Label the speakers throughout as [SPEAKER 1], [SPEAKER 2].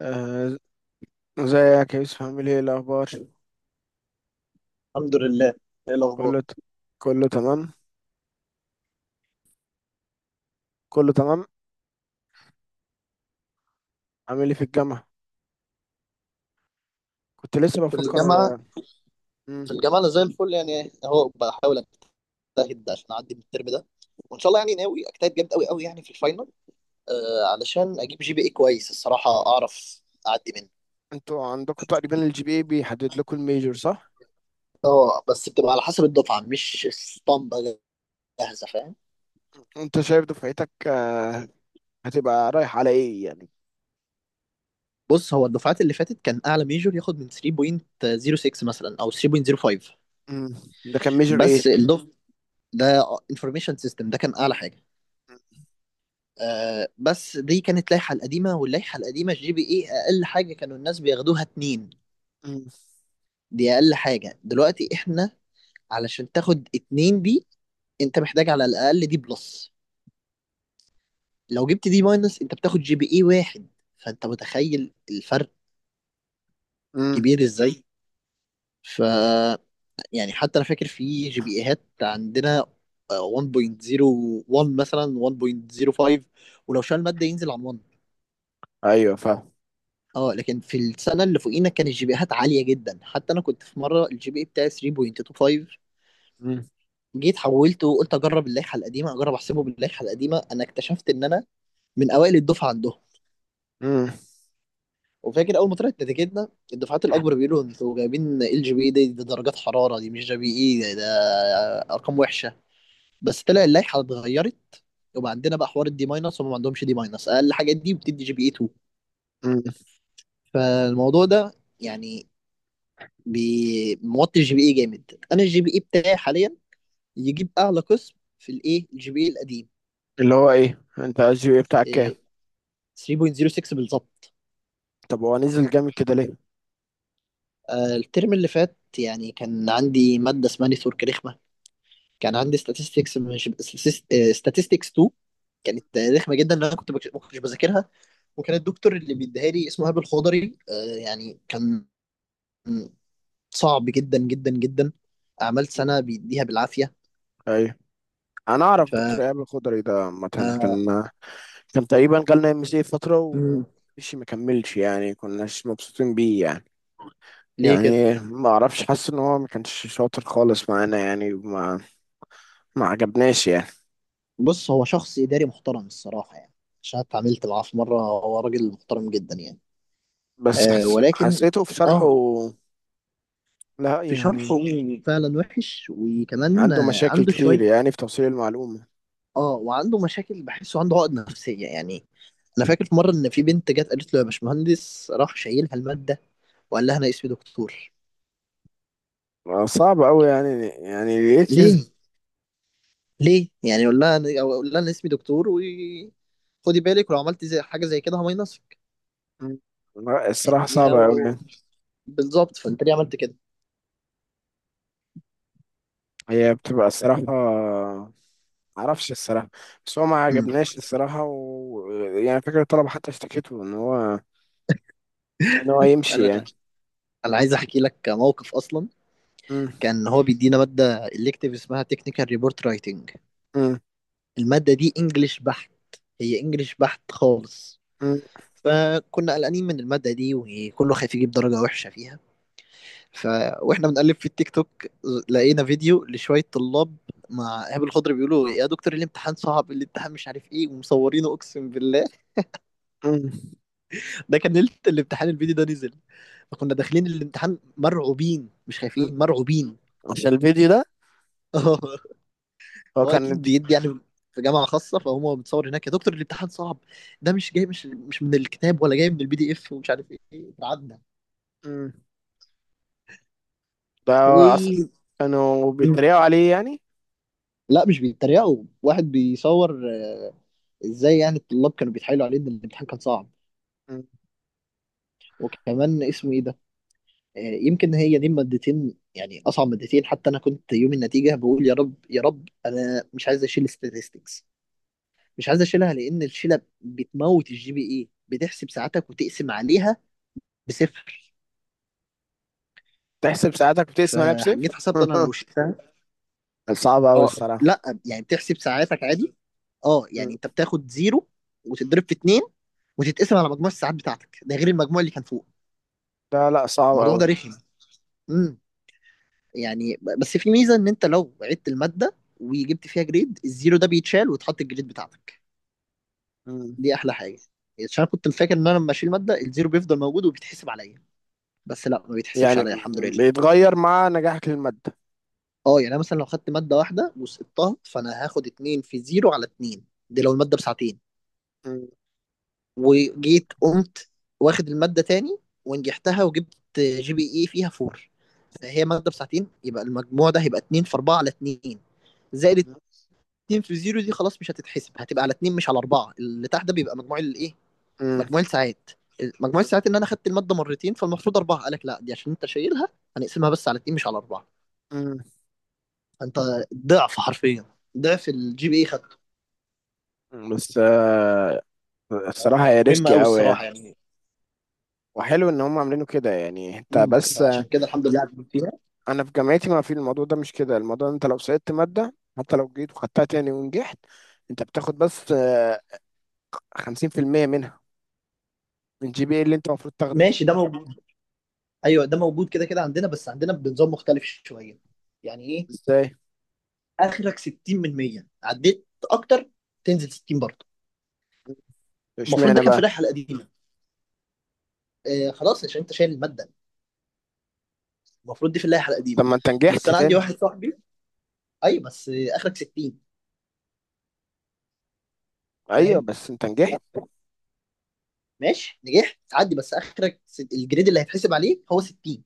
[SPEAKER 1] آه، ازيك يا يوسف، عامل ايه الاخبار؟
[SPEAKER 2] الحمد لله. ايه الاخبار؟
[SPEAKER 1] كله ت... كله تمام، كله تمام. عامل ايه في الجامعه؟ كنت لسه
[SPEAKER 2] في
[SPEAKER 1] بفكر.
[SPEAKER 2] الجامعة.
[SPEAKER 1] مم.
[SPEAKER 2] في الجامعة أنا زي الفل، يعني أهو بحاول أجتهد عشان أعدي من الترم ده، وإن شاء الله يعني ناوي أجتهد جامد أوي أوي يعني في الفاينل. آه، علشان أجيب جي بي إيه كويس الصراحة، أعرف أعدي منه.
[SPEAKER 1] انتوا عندكم تقريبا الجي بي اي بيحدد لكم الميجور، صح؟
[SPEAKER 2] أه بس بتبقى على حسب الدفعة، مش اسطمبة جاهزة، فاهم.
[SPEAKER 1] انت شايف دفعتك هتبقى رايح على ايه يعني؟
[SPEAKER 2] بص، هو الدفعات اللي فاتت كان أعلى ميجور ياخد من 3.06 مثلا أو 3.05.
[SPEAKER 1] مم. ده كان ميجور ايه؟
[SPEAKER 2] بس الدفعة ده انفورميشن سيستم ده كان أعلى حاجة. آه بس دي كانت لائحة القديمة، واللائحة القديمة الجي بي اي أقل حاجة كانوا الناس بياخدوها اتنين.
[SPEAKER 1] مم.
[SPEAKER 2] دي أقل حاجة دلوقتي. احنا علشان تاخد اتنين دي انت محتاج على الأقل دي بلس. لو جبت دي ماينس انت بتاخد جي بي اي واحد. فانت متخيل الفرق
[SPEAKER 1] مم.
[SPEAKER 2] كبير ازاي. ف يعني حتى انا فاكر في جي بي ايهات عندنا 1.01 مثلا 1.05. ولو شال مادة ينزل عن 1.
[SPEAKER 1] ايوه، فاهم.
[SPEAKER 2] اه لكن في السنه اللي فوقينا كان الجي بيهات عاليه جدا. حتى انا كنت في مره الجي بي بتاعي 3.25،
[SPEAKER 1] مم.
[SPEAKER 2] جيت حولته وقلت اجرب اللائحه القديمه، اجرب احسبه باللائحه القديمه. انا اكتشفت ان انا من اوائل الدفعه عندهم.
[SPEAKER 1] مم.
[SPEAKER 2] وفاكر اول ما طلعت نتيجتنا الدفعات الاكبر بيقولوا انتوا جايبين ال جي بي اي دي، دي درجات حراره دي مش جي بي اي ده، ده ارقام وحشه. بس طلع اللائحه اتغيرت. وبقى عندنا بقى حوار الدي ماينس، وما عندهمش دي ماينس. اقل حاجه دي بتدي جي بي اي 2.
[SPEAKER 1] مم.
[SPEAKER 2] فالموضوع ده يعني موطي الجي بي اي جامد. انا الجي بي اي بتاعي حاليا يجيب اعلى قسم في الايه، الجي بي اي القديم.
[SPEAKER 1] اللي هو ايه، انت الجي بي اي بتاعك كام؟
[SPEAKER 2] إيه، 3.06 بالظبط.
[SPEAKER 1] طب هو نزل جامد كده ليه؟
[SPEAKER 2] الترم اللي فات يعني كان عندي ماده اسمها نتورك رخمه. كان عندي statistics، مش statistics 2. كانت رخمه جدا، لان انا ما كنتش بذاكرها. وكان الدكتور اللي بيديها لي اسمه هاب الخضري، يعني كان صعب جدا جدا جدا. عملت
[SPEAKER 1] مم.
[SPEAKER 2] سنه بيديها بالعافيه.
[SPEAKER 1] ايوه، انا اعرف
[SPEAKER 2] ف
[SPEAKER 1] دكتور ايهاب الخضري ده. عامه كان
[SPEAKER 2] آه،
[SPEAKER 1] كان تقريبا جالنا ام سي فتره
[SPEAKER 2] مم،
[SPEAKER 1] ومشي، ما كملش يعني، كناش مبسوطين بيه يعني.
[SPEAKER 2] ليه كده؟
[SPEAKER 1] يعني ما اعرفش، حاسس ان هو ما كانش شاطر خالص معانا يعني، ما عجبناش يعني.
[SPEAKER 2] بص هو شخص إداري محترم الصراحة يعني. عشان اتعاملت معاه في مرة، هو راجل محترم جدا يعني.
[SPEAKER 1] بس
[SPEAKER 2] آه ولكن
[SPEAKER 1] حسيته في شرحه.
[SPEAKER 2] اه،
[SPEAKER 1] لا
[SPEAKER 2] في
[SPEAKER 1] يعني.
[SPEAKER 2] شرحه فعلا وحش، وكمان
[SPEAKER 1] عنده
[SPEAKER 2] آه
[SPEAKER 1] مشاكل
[SPEAKER 2] عنده
[SPEAKER 1] كتير
[SPEAKER 2] شوية.
[SPEAKER 1] يعني في توصيل المعلومة.
[SPEAKER 2] اه وعنده مشاكل، بحسه عنده عقد نفسية يعني. أنا فاكر في مرة إن في بنت جت قالت له يا باشمهندس، راح شايلها المادة، وقال لها أنا اسمي دكتور.
[SPEAKER 1] صعب قوي يعني ليه كده؟
[SPEAKER 2] ليه؟ ليه؟ يعني يقول لها أنا أو أقول لها أنا اسمي دكتور، و خدي بالك ولو عملت زي حاجة زي كده همينصك.
[SPEAKER 1] مم. لا، الصراحة
[SPEAKER 2] اديها
[SPEAKER 1] صعبة قوي
[SPEAKER 2] و...
[SPEAKER 1] يعني.
[SPEAKER 2] بالظبط. فأنت ليه عملت كده؟
[SPEAKER 1] هي بتبقى الصراحة، معرفش الصراحة. بس هو ما
[SPEAKER 2] مم.
[SPEAKER 1] عجبناش الصراحة. يعني فكرة الطلبة حتى اشتكته ان هو يمشي
[SPEAKER 2] انا
[SPEAKER 1] يعني.
[SPEAKER 2] انا عايز احكي لك موقف اصلا.
[SPEAKER 1] م-
[SPEAKER 2] كان هو بيدينا ماده الكتيف اسمها تكنيكال ريبورت رايتنج.
[SPEAKER 1] م-
[SPEAKER 2] الماده دي انجلش بحت، هي انجلش بحت خالص.
[SPEAKER 1] م-
[SPEAKER 2] فكنا قلقانين من الماده دي، وكله خايف يجيب درجه وحشه فيها. ف واحنا بنقلب في التيك توك، لقينا فيديو لشويه طلاب مع ايهاب الخضر، بيقولوا يا دكتور الامتحان صعب الامتحان مش عارف ايه، ومصورينه اقسم بالله.
[SPEAKER 1] م-
[SPEAKER 2] ده كان ليله الامتحان الفيديو ده نزل. فكنا داخلين الامتحان مرعوبين، مش
[SPEAKER 1] م.
[SPEAKER 2] خايفين مرعوبين.
[SPEAKER 1] عشان الفيديو ده هو
[SPEAKER 2] هو
[SPEAKER 1] كان.
[SPEAKER 2] اكيد بيدي يعني في جامعه خاصه، فهو متصور هناك يا دكتور الامتحان صعب، ده مش جاي مش من الكتاب ولا جاي من البي دي اف ومش عارف ايه. اتعدى.
[SPEAKER 1] مم. ده
[SPEAKER 2] و
[SPEAKER 1] أصلا كانوا بيتريقوا عليه يعني.
[SPEAKER 2] لا مش بيتريقوا. واحد بيصور. ازاي يعني؟ الطلاب كانوا بيتحايلوا عليه ان الامتحان كان صعب.
[SPEAKER 1] مم.
[SPEAKER 2] وكمان اسمه ايه ده، يمكن هي دي مادتين، يعني اصعب مادتين. حتى انا كنت يوم النتيجه بقول يا رب يا رب انا مش عايز اشيل statistics. مش عايز اشيلها لان الشيله بتموت الجي بي اي، بتحسب ساعتك وتقسم عليها بصفر.
[SPEAKER 1] تحسب ساعاتك بتقسم
[SPEAKER 2] فجيت
[SPEAKER 1] نفسك.
[SPEAKER 2] حسبت انا لو شلتها.
[SPEAKER 1] صعب أوي
[SPEAKER 2] اه.
[SPEAKER 1] الصراحة.
[SPEAKER 2] لا يعني بتحسب ساعاتك عادي. اه
[SPEAKER 1] مم.
[SPEAKER 2] يعني انت بتاخد زيرو وتتضرب في اتنين وتتقسم على مجموع الساعات بتاعتك، ده غير المجموع اللي كان فوق.
[SPEAKER 1] لا لا، صعب
[SPEAKER 2] الموضوع
[SPEAKER 1] أوي.
[SPEAKER 2] ده رخم. امم يعني بس في ميزه ان انت لو عدت الماده وجبت فيها جريد، الزيرو ده بيتشال وتحط الجريد بتاعتك.
[SPEAKER 1] مم.
[SPEAKER 2] دي احلى حاجه. عشان أنا كنت فاكر ان انا لما اشيل ماده الزيرو بيفضل موجود وبيتحسب عليا، بس لا ما بيتحسبش
[SPEAKER 1] يعني
[SPEAKER 2] عليا الحمد لله.
[SPEAKER 1] بيتغير مع نجاحك للمادة.
[SPEAKER 2] اه يعني انا مثلا لو خدت ماده واحده وسقطتها، فانا هاخد اتنين في زيرو على اتنين، دي لو الماده بساعتين.
[SPEAKER 1] مم.
[SPEAKER 2] وجيت قمت واخد المادة تاني ونجحتها وجبت جي بي اي فيها فور، فهي مادة بساعتين، يبقى المجموع ده هيبقى اتنين في أربعة على اتنين، زائد اتنين في زيرو، دي خلاص مش هتتحسب. هتبقى على اتنين مش على أربعة. اللي تحت ده بيبقى مجموع الإيه،
[SPEAKER 1] مم.
[SPEAKER 2] مجموع الساعات. مجموع الساعات إن أنا خدت المادة مرتين فالمفروض أربعة. قالك لا دي عشان أنت شايلها هنقسمها بس على اتنين مش على أربعة.
[SPEAKER 1] مم.
[SPEAKER 2] فأنت ضعف حرفيا، ضعف الجي بي اي خدته.
[SPEAKER 1] مم. بس الصراحة هي
[SPEAKER 2] مهمة
[SPEAKER 1] ريسكي
[SPEAKER 2] أوي
[SPEAKER 1] أوي
[SPEAKER 2] الصراحة
[SPEAKER 1] يعني.
[SPEAKER 2] يعني.
[SPEAKER 1] وحلو إن هم عاملينه كده يعني. أنت
[SPEAKER 2] مم.
[SPEAKER 1] بس
[SPEAKER 2] فعشان كده الحمد لله عديت فيها.
[SPEAKER 1] أنا في جامعتي ما في الموضوع ده، مش كده الموضوع. أنت لو سقطت مادة حتى لو جيت وخدتها تاني ونجحت، أنت بتاخد بس 50% منها، من جي بي إيه اللي انت المفروض تاخده.
[SPEAKER 2] ماشي ده موجود. ايوه ده موجود كده كده عندنا، بس عندنا بنظام مختلف شويه. يعني ايه؟
[SPEAKER 1] ازاي؟
[SPEAKER 2] اخرك 60 من 100، عديت اكتر تنزل 60 برضه. المفروض ده
[SPEAKER 1] اشمعنى
[SPEAKER 2] كان في
[SPEAKER 1] بقى؟
[SPEAKER 2] اللائحه القديمه. آه خلاص، عشان انت شايل الماده. المفروض دي في اللائحه
[SPEAKER 1] طب
[SPEAKER 2] القديمه.
[SPEAKER 1] ما انت
[SPEAKER 2] بس
[SPEAKER 1] نجحت
[SPEAKER 2] انا عندي
[SPEAKER 1] تاني.
[SPEAKER 2] واحد صاحبي، اي بس آه اخرك 60.
[SPEAKER 1] ايوه،
[SPEAKER 2] فاهم.
[SPEAKER 1] بس انت نجحت.
[SPEAKER 2] ماشي نجحت تعدي، بس اخرك الجريد اللي هيتحسب عليه هو 60.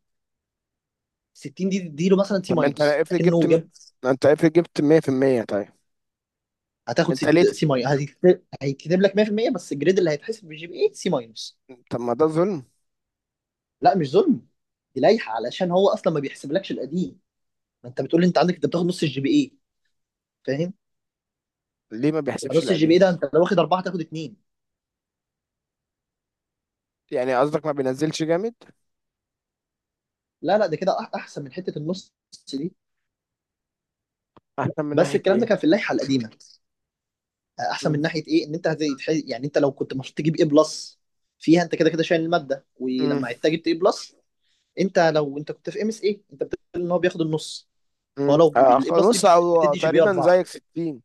[SPEAKER 2] 60 دي تديله مثلا سي
[SPEAKER 1] طب ما انت
[SPEAKER 2] ماينس
[SPEAKER 1] افرض جبت،
[SPEAKER 2] اكنه جاب.
[SPEAKER 1] 100% طيب. انت ليه
[SPEAKER 2] سي
[SPEAKER 1] ت-
[SPEAKER 2] ماينس. هيتكتب لك 100% بس الجريد اللي هيتحسب بالجي بي اي سي ماينس.
[SPEAKER 1] طب ما ده ظلم!
[SPEAKER 2] لا مش ظلم. دي لايحه علشان هو اصلا ما بيحسبلكش القديم. ما انت بتقول لي انت عندك انت بتاخد نص الجي بي اي، فاهم.
[SPEAKER 1] ليه ما بيحسبش
[SPEAKER 2] فنص الجي بي
[SPEAKER 1] القديم؟
[SPEAKER 2] اي ده انت لو واخد اربعه تاخد اثنين.
[SPEAKER 1] يعني قصدك ما بينزلش جامد؟
[SPEAKER 2] لا لا ده كده احسن من حته النص دي.
[SPEAKER 1] احسن من
[SPEAKER 2] بس
[SPEAKER 1] ناحية
[SPEAKER 2] الكلام ده كان
[SPEAKER 1] ايه؟
[SPEAKER 2] في اللائحه القديمه. احسن من
[SPEAKER 1] مم.
[SPEAKER 2] ناحيه ايه، ان انت يعني انت لو كنت المفروض تجيب ايه بلس فيها، انت كده كده شايل الماده
[SPEAKER 1] مم.
[SPEAKER 2] ولما عدت جبت ايه بلس. انت لو انت كنت في ام اس ايه انت بتقول ان هو بياخد النص. هو
[SPEAKER 1] مم.
[SPEAKER 2] لو الاي بلس دي
[SPEAKER 1] نص او
[SPEAKER 2] بتدي جي بي
[SPEAKER 1] تقريبا
[SPEAKER 2] 4،
[SPEAKER 1] زيك 60.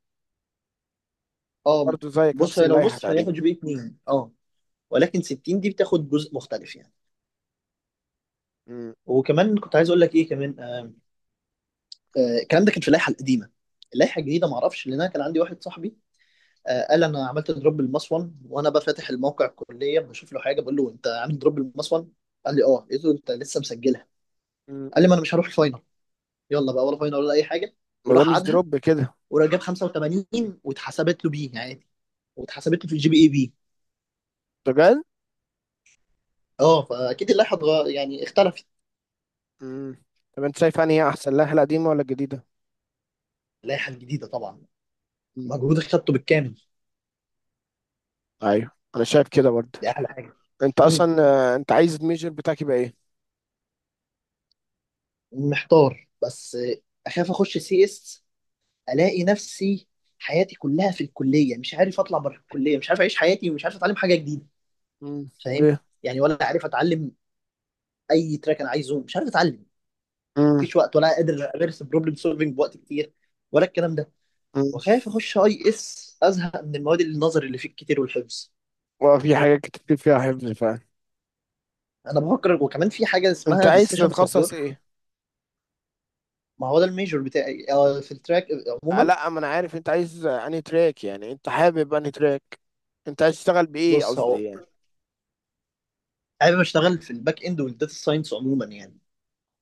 [SPEAKER 2] اه.
[SPEAKER 1] برضه زيك
[SPEAKER 2] بص
[SPEAKER 1] نفس
[SPEAKER 2] هي لو
[SPEAKER 1] اللائحة
[SPEAKER 2] نص فهياخد
[SPEAKER 1] تقريبا.
[SPEAKER 2] جي بي 2، اه. ولكن 60 دي بتاخد جزء مختلف يعني.
[SPEAKER 1] مم.
[SPEAKER 2] وكمان كنت عايز اقول لك ايه كمان، الكلام ده كان في اللائحه القديمه. اللائحه الجديده ما اعرفش، لان انا كان عندي واحد صاحبي، قال انا عملت دروب بالمصفن. وانا بقى فاتح الموقع الكليه بشوف له حاجه، بقول له انت عامل دروب بالمصفن. قال لي اه. قلت له انت لسه مسجلها؟
[SPEAKER 1] مم.
[SPEAKER 2] قال لي ما انا مش هروح الفاينل. يلا بقى، ولا فاينل ولا اي حاجه.
[SPEAKER 1] ما ده
[SPEAKER 2] وراح
[SPEAKER 1] مش
[SPEAKER 2] عادها،
[SPEAKER 1] دروب كده.
[SPEAKER 2] وراح جاب 85 واتحسبت له بيه عادي، واتحسبت له في الجي بي اي بي.
[SPEAKER 1] بجد؟
[SPEAKER 2] اه فاكيد اللائحه يعني اختلفت.
[SPEAKER 1] مم. طب انت شايف انهي احسن، اللائحة القديمة ولا الجديدة؟
[SPEAKER 2] اللائحه الجديده طبعا، مجهود خدته بالكامل.
[SPEAKER 1] ايوه، انا شايف كده برضه.
[SPEAKER 2] دي احلى حاجه.
[SPEAKER 1] انت اصلا آه، انت عايز الميجر بتاعك يبقى ايه؟
[SPEAKER 2] محتار بس، اخاف اخش سي اس الاقي نفسي حياتي كلها في الكليه، مش عارف اطلع بره الكليه، مش عارف اعيش حياتي، ومش عارف اتعلم حاجه جديده.
[SPEAKER 1] مم.
[SPEAKER 2] فاهم.
[SPEAKER 1] ليه؟
[SPEAKER 2] يعني ولا عارف اتعلم اي تراك انا عايزه، مش عارف اتعلم.
[SPEAKER 1] مم.
[SPEAKER 2] مفيش وقت، ولا قادر امارس بروبلم سولفنج بوقت كتير، ولا الكلام ده.
[SPEAKER 1] مم.
[SPEAKER 2] وخايف اخش اي اس ازهق من المواد النظري اللي فيه كتير والحفظ.
[SPEAKER 1] وفي حاجات كتير فيها حفظ فعلا.
[SPEAKER 2] انا بفكر، وكمان في حاجه
[SPEAKER 1] انت
[SPEAKER 2] اسمها
[SPEAKER 1] عايز
[SPEAKER 2] ديسيشن
[SPEAKER 1] تتخصص
[SPEAKER 2] سبورت.
[SPEAKER 1] ايه؟
[SPEAKER 2] ما هو ده الميجور بتاعي، في التراك
[SPEAKER 1] آه
[SPEAKER 2] عموما.
[SPEAKER 1] لا، ما انا عارف. انت عايز انهي تراك يعني، انت حابب انهي تراك؟ انت عايز تشتغل بايه،
[SPEAKER 2] بص هو
[SPEAKER 1] قصدي يعني؟
[SPEAKER 2] حابب اشتغل في الباك اند والداتا ساينس عموما يعني.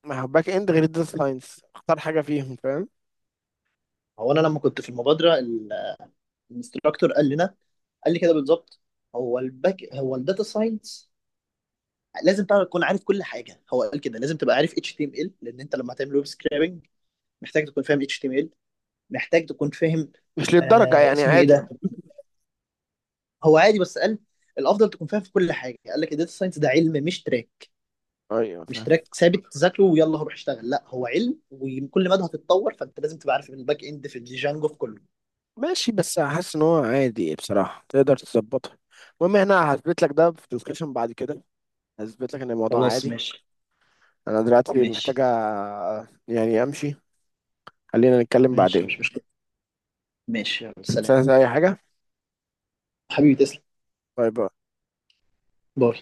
[SPEAKER 1] ما هو باك اند غير الداتا ساينس، اختار حاجه فيهم، فاهم؟
[SPEAKER 2] هو انا لما كنت في المبادره، الانستراكتور قال لنا، قال لي كده بالظبط، هو الباك هو الداتا ساينس، لازم بقى تكون عارف كل حاجه. هو قال كده لازم تبقى عارف اتش تي ام ال لان انت لما هتعمل ويب سكرابنج محتاج تكون فاهم اتش تي ام ال، محتاج تكون فاهم.
[SPEAKER 1] مش للدرجه
[SPEAKER 2] آه
[SPEAKER 1] يعني،
[SPEAKER 2] اسمه ايه
[SPEAKER 1] عادي.
[SPEAKER 2] ده، هو عادي بس قال الافضل تكون فاهم في كل حاجه. قال لك الداتا ساينس ده علم مش تراك.
[SPEAKER 1] ايوه،
[SPEAKER 2] مش
[SPEAKER 1] فاهم.
[SPEAKER 2] تراك ثابت تذاكره ويلا روح اشتغل، لا هو علم وكل مدى هتتطور. فانت لازم تبقى عارف الباك اند في الجانجو في كله.
[SPEAKER 1] ماشي، بس حاسس ان هو عادي بصراحه، تقدر تظبطها. المهم، احنا هثبت لك ده في ديسكشن بعد كده. هثبت لك ان الموضوع
[SPEAKER 2] خلاص
[SPEAKER 1] عادي.
[SPEAKER 2] ماشي.
[SPEAKER 1] انا دلوقتي محتاجة
[SPEAKER 2] ماشي.
[SPEAKER 1] يعني امشي. خلينا نتكلم
[SPEAKER 2] ماشي
[SPEAKER 1] بعدين.
[SPEAKER 2] مش مشكله. ماشي يلا
[SPEAKER 1] مش
[SPEAKER 2] سلام.
[SPEAKER 1] عايز اي حاجة.
[SPEAKER 2] حبيبي تسلم.
[SPEAKER 1] باي باي.
[SPEAKER 2] باي.